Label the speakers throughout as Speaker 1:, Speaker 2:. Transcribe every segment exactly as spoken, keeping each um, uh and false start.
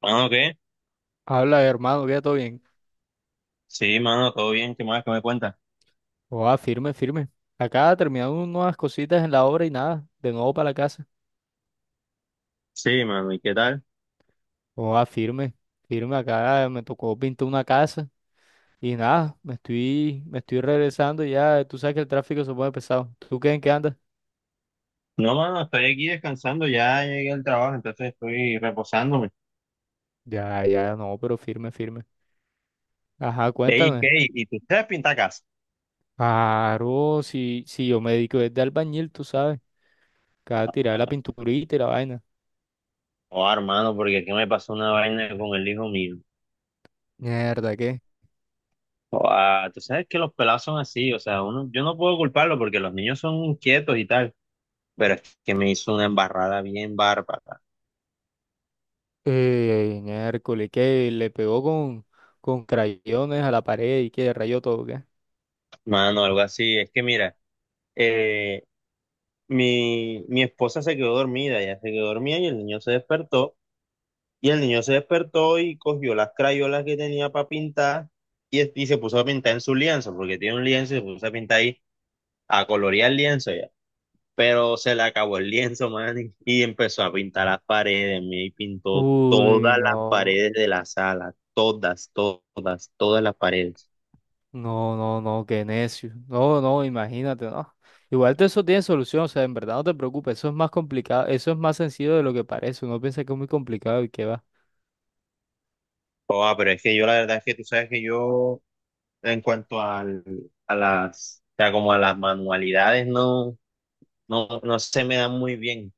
Speaker 1: Mano, ¿qué?
Speaker 2: Habla, hermano, queda todo bien.
Speaker 1: Sí, mano, todo bien, ¿qué más que me cuentas?
Speaker 2: Oa, firme, firme. Acá terminando unas cositas en la obra y nada, de nuevo para la casa.
Speaker 1: Sí, mano, ¿y qué tal?
Speaker 2: Oa, firme, firme. Acá me tocó pintar una casa y nada, me estoy, me estoy regresando ya. Tú sabes que el tráfico se pone pesado. ¿Tú qué en qué andas?
Speaker 1: No, mano, estoy aquí descansando, ya llegué al trabajo, entonces estoy reposándome.
Speaker 2: Ya, ya, no, pero firme, firme. Ajá,
Speaker 1: Ey,
Speaker 2: cuéntame.
Speaker 1: ¿qué? ¿Y tú sabes pintar casa?
Speaker 2: Claro, si, si yo me dedico desde albañil, tú sabes. Cada tirar
Speaker 1: Ah,
Speaker 2: la pinturita y la vaina.
Speaker 1: oh, hermano, porque aquí me pasó una vaina con el hijo mío.
Speaker 2: Mierda, ¿qué?
Speaker 1: Oh, ah, tú sabes que los pelados son así, o sea, uno, yo no puedo culparlo porque los niños son inquietos y tal, pero es que me hizo una embarrada bien bárbara,
Speaker 2: Eh, en Hércules, que le pegó con, con crayones a la pared y que rayó todo, ¿qué?
Speaker 1: mano, algo así. Es que mira, eh, mi, mi esposa se quedó dormida, ella se quedó dormida y el niño se despertó. Y el niño se despertó y cogió las crayolas que tenía para pintar y, es- y se puso a pintar en su lienzo, porque tiene un lienzo y se puso a pintar ahí, a colorear el lienzo ya. Pero se le acabó el lienzo, man, y y empezó a pintar las paredes, me pintó
Speaker 2: Uy,
Speaker 1: todas las
Speaker 2: no,
Speaker 1: paredes de la sala, todas, to- todas, todas las paredes.
Speaker 2: no, no, no, qué necio. No, no, imagínate, no. Igual todo eso tiene solución, o sea, en verdad no te preocupes, eso es más complicado, eso es más sencillo de lo que parece. Uno piensa que es muy complicado y que va.
Speaker 1: Joda, pero es que yo la verdad es que tú sabes que yo, en cuanto al, a las, o sea, como a las manualidades, no, no, no se me dan muy bien.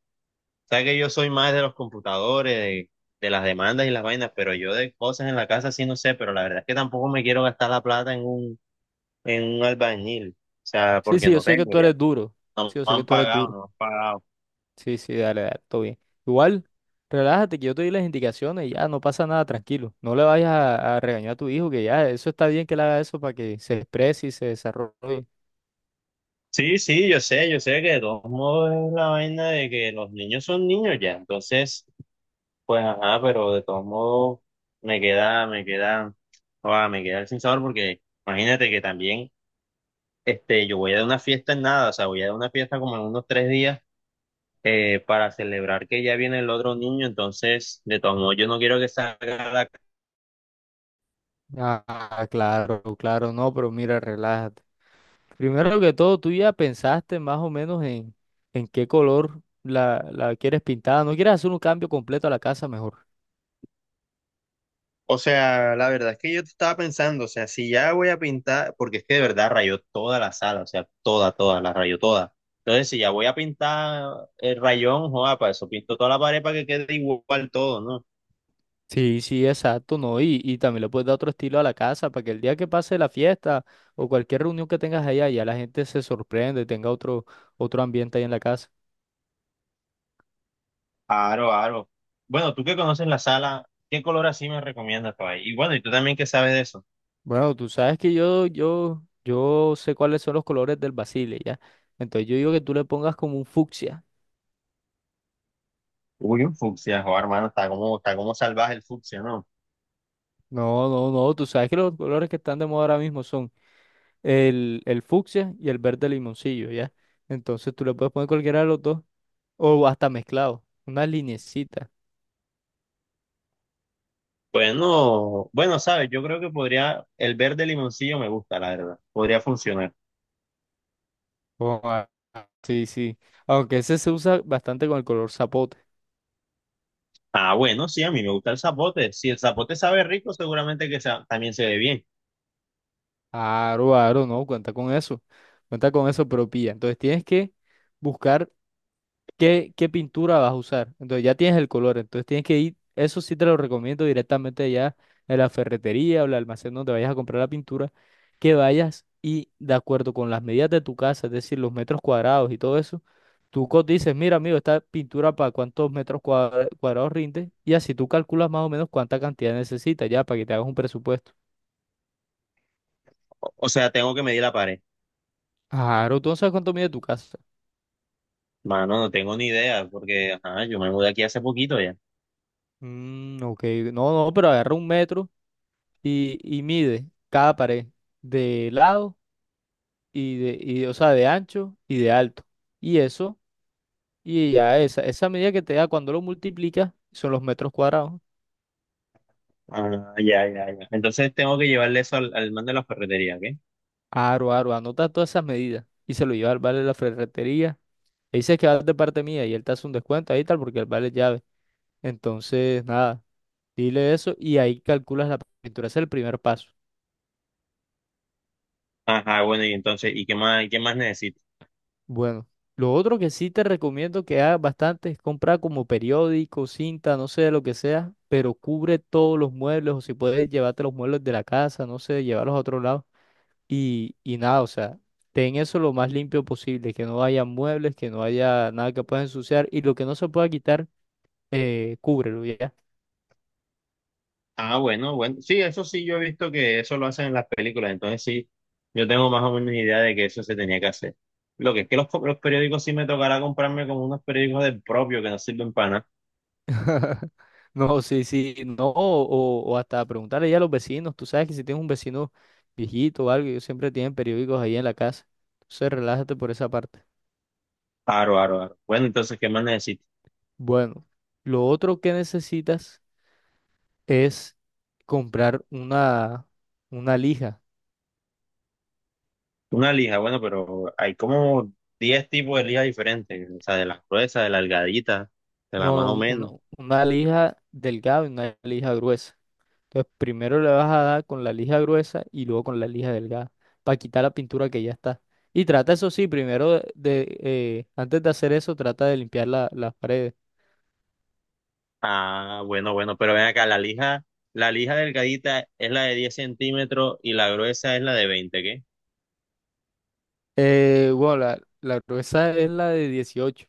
Speaker 1: Sabes que yo soy más de los computadores, de, de las demandas y las vainas, pero yo de cosas en la casa sí no sé, pero la verdad es que tampoco me quiero gastar la plata en un, en un albañil, o sea,
Speaker 2: Sí,
Speaker 1: porque
Speaker 2: sí, yo
Speaker 1: no
Speaker 2: sé que
Speaker 1: tengo
Speaker 2: tú
Speaker 1: ya,
Speaker 2: eres duro.
Speaker 1: no
Speaker 2: Sí, yo
Speaker 1: me
Speaker 2: sé que
Speaker 1: han
Speaker 2: tú eres
Speaker 1: pagado, no
Speaker 2: duro.
Speaker 1: me han pagado.
Speaker 2: Sí, sí, dale, dale, todo bien. Igual, relájate que yo te doy las indicaciones y ya no pasa nada, tranquilo. No le vayas a, a regañar a tu hijo, que ya eso está bien que le haga eso para que se exprese y se desarrolle.
Speaker 1: Sí, sí, yo sé, yo sé que de todos modos es la vaina de que los niños son niños ya, entonces, pues ajá, pero de todos modos me queda, me queda, ah, me queda el sin sabor porque imagínate que también, este, yo voy a dar una fiesta en nada, o sea, voy a dar una fiesta como en unos tres días. eh, para celebrar que ya viene el otro niño, entonces, de todos modos, yo no quiero que salga la...
Speaker 2: Ah, claro, claro, no, pero mira, relájate. Primero que todo, tú ya pensaste más o menos en, en qué color la, la quieres pintada. ¿No quieres hacer un cambio completo a la casa mejor?
Speaker 1: O sea, la verdad es que yo estaba pensando, o sea, si ya voy a pintar, porque es que de verdad rayó toda la sala, o sea, toda, toda, la rayó toda. Entonces, si ya voy a pintar el rayón, joda, para eso pinto toda la pared para que quede igual todo, ¿no?
Speaker 2: Sí, sí, exacto, ¿no? Y, y también le puedes dar otro estilo a la casa para que el día que pase la fiesta o cualquier reunión que tengas allá, ya la gente se sorprende, tenga otro, otro, ambiente ahí en la casa.
Speaker 1: Aro, aro. Bueno, tú que conoces la sala, ¿qué color así me recomiendas para ahí? Y bueno, y tú también que sabes de eso.
Speaker 2: Bueno, tú sabes que yo, yo, yo sé cuáles son los colores del basile, ¿ya? Entonces yo digo que tú le pongas como un fucsia.
Speaker 1: Uy, un fucsia, joder, hermano, está como, está como salvaje el fucsia, ¿no?
Speaker 2: No, no, no, tú sabes que los colores que están de moda ahora mismo son el, el fucsia y el verde limoncillo, ¿ya? Entonces tú le puedes poner cualquiera de los dos o hasta mezclado, una linecita.
Speaker 1: Bueno, bueno, sabes, yo creo que podría, el verde limoncillo me gusta, la verdad, podría funcionar.
Speaker 2: Oh, ah, ah, sí, sí. Aunque ese se usa bastante con el color zapote.
Speaker 1: Ah, bueno, sí, a mí me gusta el zapote. Si el zapote sabe rico, seguramente que sa- también se ve bien.
Speaker 2: Aro, aro, no, cuenta con eso. Cuenta con eso, pero pilla. Entonces tienes que buscar qué, qué pintura vas a usar. Entonces ya tienes el color. Entonces tienes que ir, eso sí te lo recomiendo directamente ya en la ferretería o el almacén donde vayas a comprar la pintura, que vayas y de acuerdo con las medidas de tu casa, es decir, los metros cuadrados y todo eso. Tú co- dices: mira, amigo, esta pintura para cuántos metros cuadra- cuadrados rinde, y así tú calculas más o menos cuánta cantidad necesitas ya para que te hagas un presupuesto.
Speaker 1: O, o sea, tengo que medir la pared.
Speaker 2: Claro, tú no sabes cuánto mide tu casa.
Speaker 1: Mano, no tengo ni idea, porque ajá, yo me mudé aquí hace poquito ya.
Speaker 2: Mm, ok, no, no, pero agarra un metro y, y, mide cada pared de lado y de, y, o sea, de ancho y de alto. Y eso, y ya esa, esa medida que te da cuando lo multiplicas son los metros cuadrados.
Speaker 1: Ah, ya, ya, ya. Entonces tengo que llevarle eso al, al man de la ferretería, ¿qué?
Speaker 2: Aro, aro, anota todas esas medidas y se lo lleva al vale de la ferretería. Le dices que vas de parte mía y él te hace un descuento ahí y tal porque él vale llave. Entonces, nada, dile eso y ahí calculas la pintura. Ese es el primer paso.
Speaker 1: Ajá, bueno, y entonces, ¿y qué más, qué más necesito?
Speaker 2: Bueno, lo otro que sí te recomiendo que hagas bastante es comprar como periódico, cinta, no sé, lo que sea, pero cubre todos los muebles o si puedes llevarte los muebles de la casa, no sé, llevarlos a otro lado. Y, y nada, o sea, ten eso lo más limpio posible, que no haya muebles, que no haya nada que puedas ensuciar y lo que no se pueda quitar, eh, cúbrelo ya.
Speaker 1: Ah, bueno, bueno. Sí, eso sí, yo he visto que eso lo hacen en las películas, entonces sí, yo tengo más o menos idea de que eso se tenía que hacer. Lo que es que los, co- los periódicos sí me tocará comprarme como unos periódicos del propio que no sirven para nada.
Speaker 2: No, sí, sí, no, o, o hasta preguntarle ya a los vecinos. Tú sabes que si tienes un vecino viejito o algo, ellos siempre tienen periódicos ahí en la casa. Entonces, relájate por esa parte.
Speaker 1: Aro, aro, aro. Bueno, entonces, ¿qué más necesito?
Speaker 2: Bueno, lo otro que necesitas es comprar una, una lija.
Speaker 1: Una lija, bueno, pero hay como diez tipos de lija diferentes, o sea, de las gruesas, de la delgadita, de la
Speaker 2: No,
Speaker 1: más o
Speaker 2: un-
Speaker 1: menos.
Speaker 2: una, una lija delgada y una lija gruesa. Entonces, primero le vas a dar con la lija gruesa y luego con la lija delgada para quitar la pintura que ya está. Y trata, eso sí, primero de, de, eh, antes de hacer eso, trata de limpiar la- las paredes.
Speaker 1: Ah, bueno, bueno, pero ven acá, la lija, la lija delgadita es la de diez centímetros y la gruesa es la de veinte.
Speaker 2: Eh, bueno, la, la, gruesa es la de dieciocho.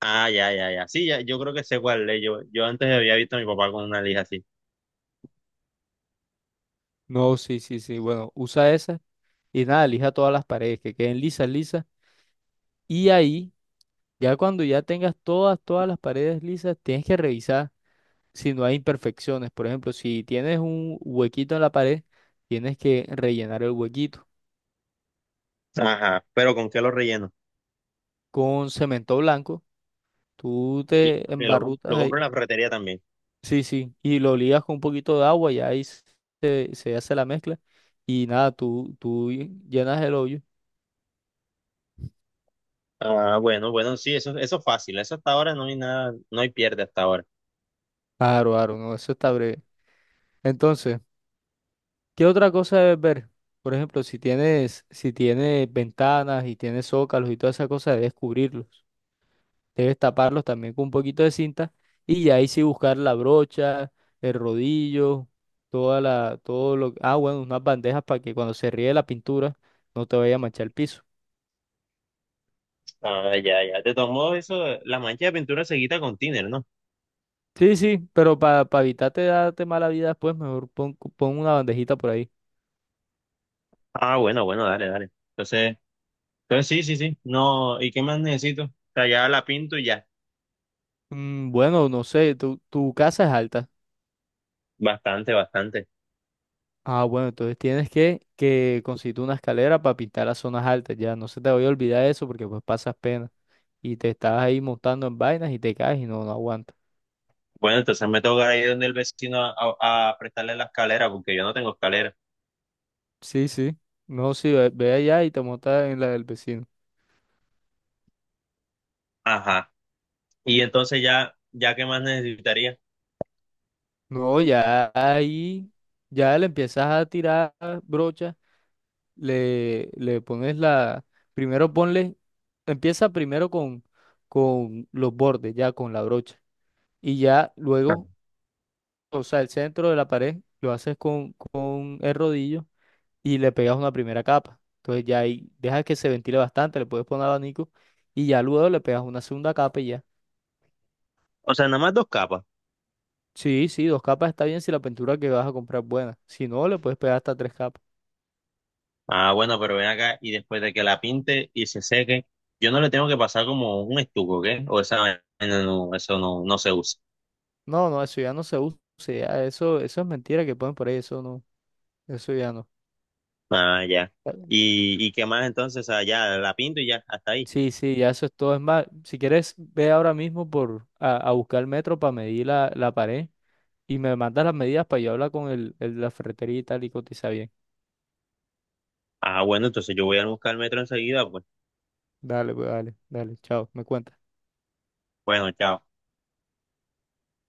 Speaker 1: Ah, ya, ya, ya. Sí, ya, yo creo que sé cuál es. Yo, yo antes había visto a mi papá con una lija así.
Speaker 2: No, sí, sí, sí. Bueno, usa esa y nada, lija todas las paredes, que queden lisas, lisas. Y ahí, ya cuando ya tengas todas, todas las paredes lisas, tienes que revisar si no hay imperfecciones. Por ejemplo, si tienes un huequito en la pared, tienes que rellenar el huequito.
Speaker 1: Ajá, pero ¿con qué lo relleno?
Speaker 2: Con cemento blanco. Tú
Speaker 1: Y
Speaker 2: te
Speaker 1: porque lo, com- lo
Speaker 2: embarrutas ahí.
Speaker 1: compro en la ferretería también.
Speaker 2: Sí, sí. Y lo ligas con un poquito de agua y ahí se, se hace la mezcla. Y nada, tú, tú llenas el hoyo.
Speaker 1: Ah, bueno, bueno, sí, eso, eso es fácil. Eso hasta ahora no hay nada, no hay pierde hasta ahora.
Speaker 2: Claro, claro, no, eso está breve. Entonces, ¿qué otra cosa debes ver? Por ejemplo, si tienes, si tienes ventanas y tienes zócalos y toda esa cosa, debes cubrirlos. Debes taparlos también con un poquito de cinta y ya ahí sí buscar la brocha, el rodillo, toda la, todo lo, ah, bueno, unas bandejas para que cuando se ríe la pintura no te vaya a manchar el piso.
Speaker 1: Ah, ya, ya. Te tomó eso, la mancha de pintura se quita con thinner, ¿no?
Speaker 2: Sí, sí, pero para evitarte darte mala vida después, mejor pon, pon, una bandejita por ahí.
Speaker 1: Ah, bueno, bueno, dale, dale. Entonces, entonces sí, sí, sí. No, ¿y qué más necesito? O sea, ya la pinto y ya.
Speaker 2: Mm, bueno, no sé, tu, tu casa es alta.
Speaker 1: Bastante, bastante.
Speaker 2: Ah, bueno, entonces tienes que, que conseguir una escalera para pintar las zonas altas, ya no se te vaya a olvidar eso porque pues pasas pena y te estás ahí montando en vainas y te caes y no, no aguantas.
Speaker 1: Bueno, entonces me toca ir donde el vecino a, a a prestarle la escalera, porque yo no tengo escalera.
Speaker 2: Sí, sí. No, sí, ve, ve allá y te montas en la del vecino.
Speaker 1: Ajá. Y entonces ya, ya qué más necesitaría.
Speaker 2: No, ya ahí, ya le empiezas a tirar brocha, le, le, pones la, primero ponle, empieza primero con, con los bordes, ya con la brocha. Y ya luego, o sea, el centro de la pared lo haces con, con el rodillo y le pegas una primera capa. Entonces ya ahí dejas que se ventile bastante, le puedes poner abanico y ya luego le pegas una segunda capa y...
Speaker 1: O sea, nada más dos capas.
Speaker 2: Sí, sí, dos capas está bien si la pintura que vas a comprar es buena. Si no, le puedes pegar hasta tres capas.
Speaker 1: Ah, bueno, pero ven acá y después de que la pinte y se seque, yo no le tengo que pasar como un estuco, ¿qué? O esa vaina no, eso no, no se usa.
Speaker 2: No, no, eso ya no se usa. Ya eso, eso, es mentira que ponen por ahí. Eso no, eso ya no.
Speaker 1: Ah, ya. ¿Y, y qué más entonces? Ah, ya, la pinto y ya, hasta ahí.
Speaker 2: Sí, sí, ya eso es todo. Es más, si quieres, ve ahora mismo por a, a buscar el metro para medir la, la, pared y me mandas las medidas para yo hablar con el, el- la ferretería y tal y cotiza bien.
Speaker 1: Ah, bueno, entonces yo voy a buscar el metro enseguida, pues.
Speaker 2: Dale, pues dale, dale, chao, me cuentas.
Speaker 1: Bueno, chao.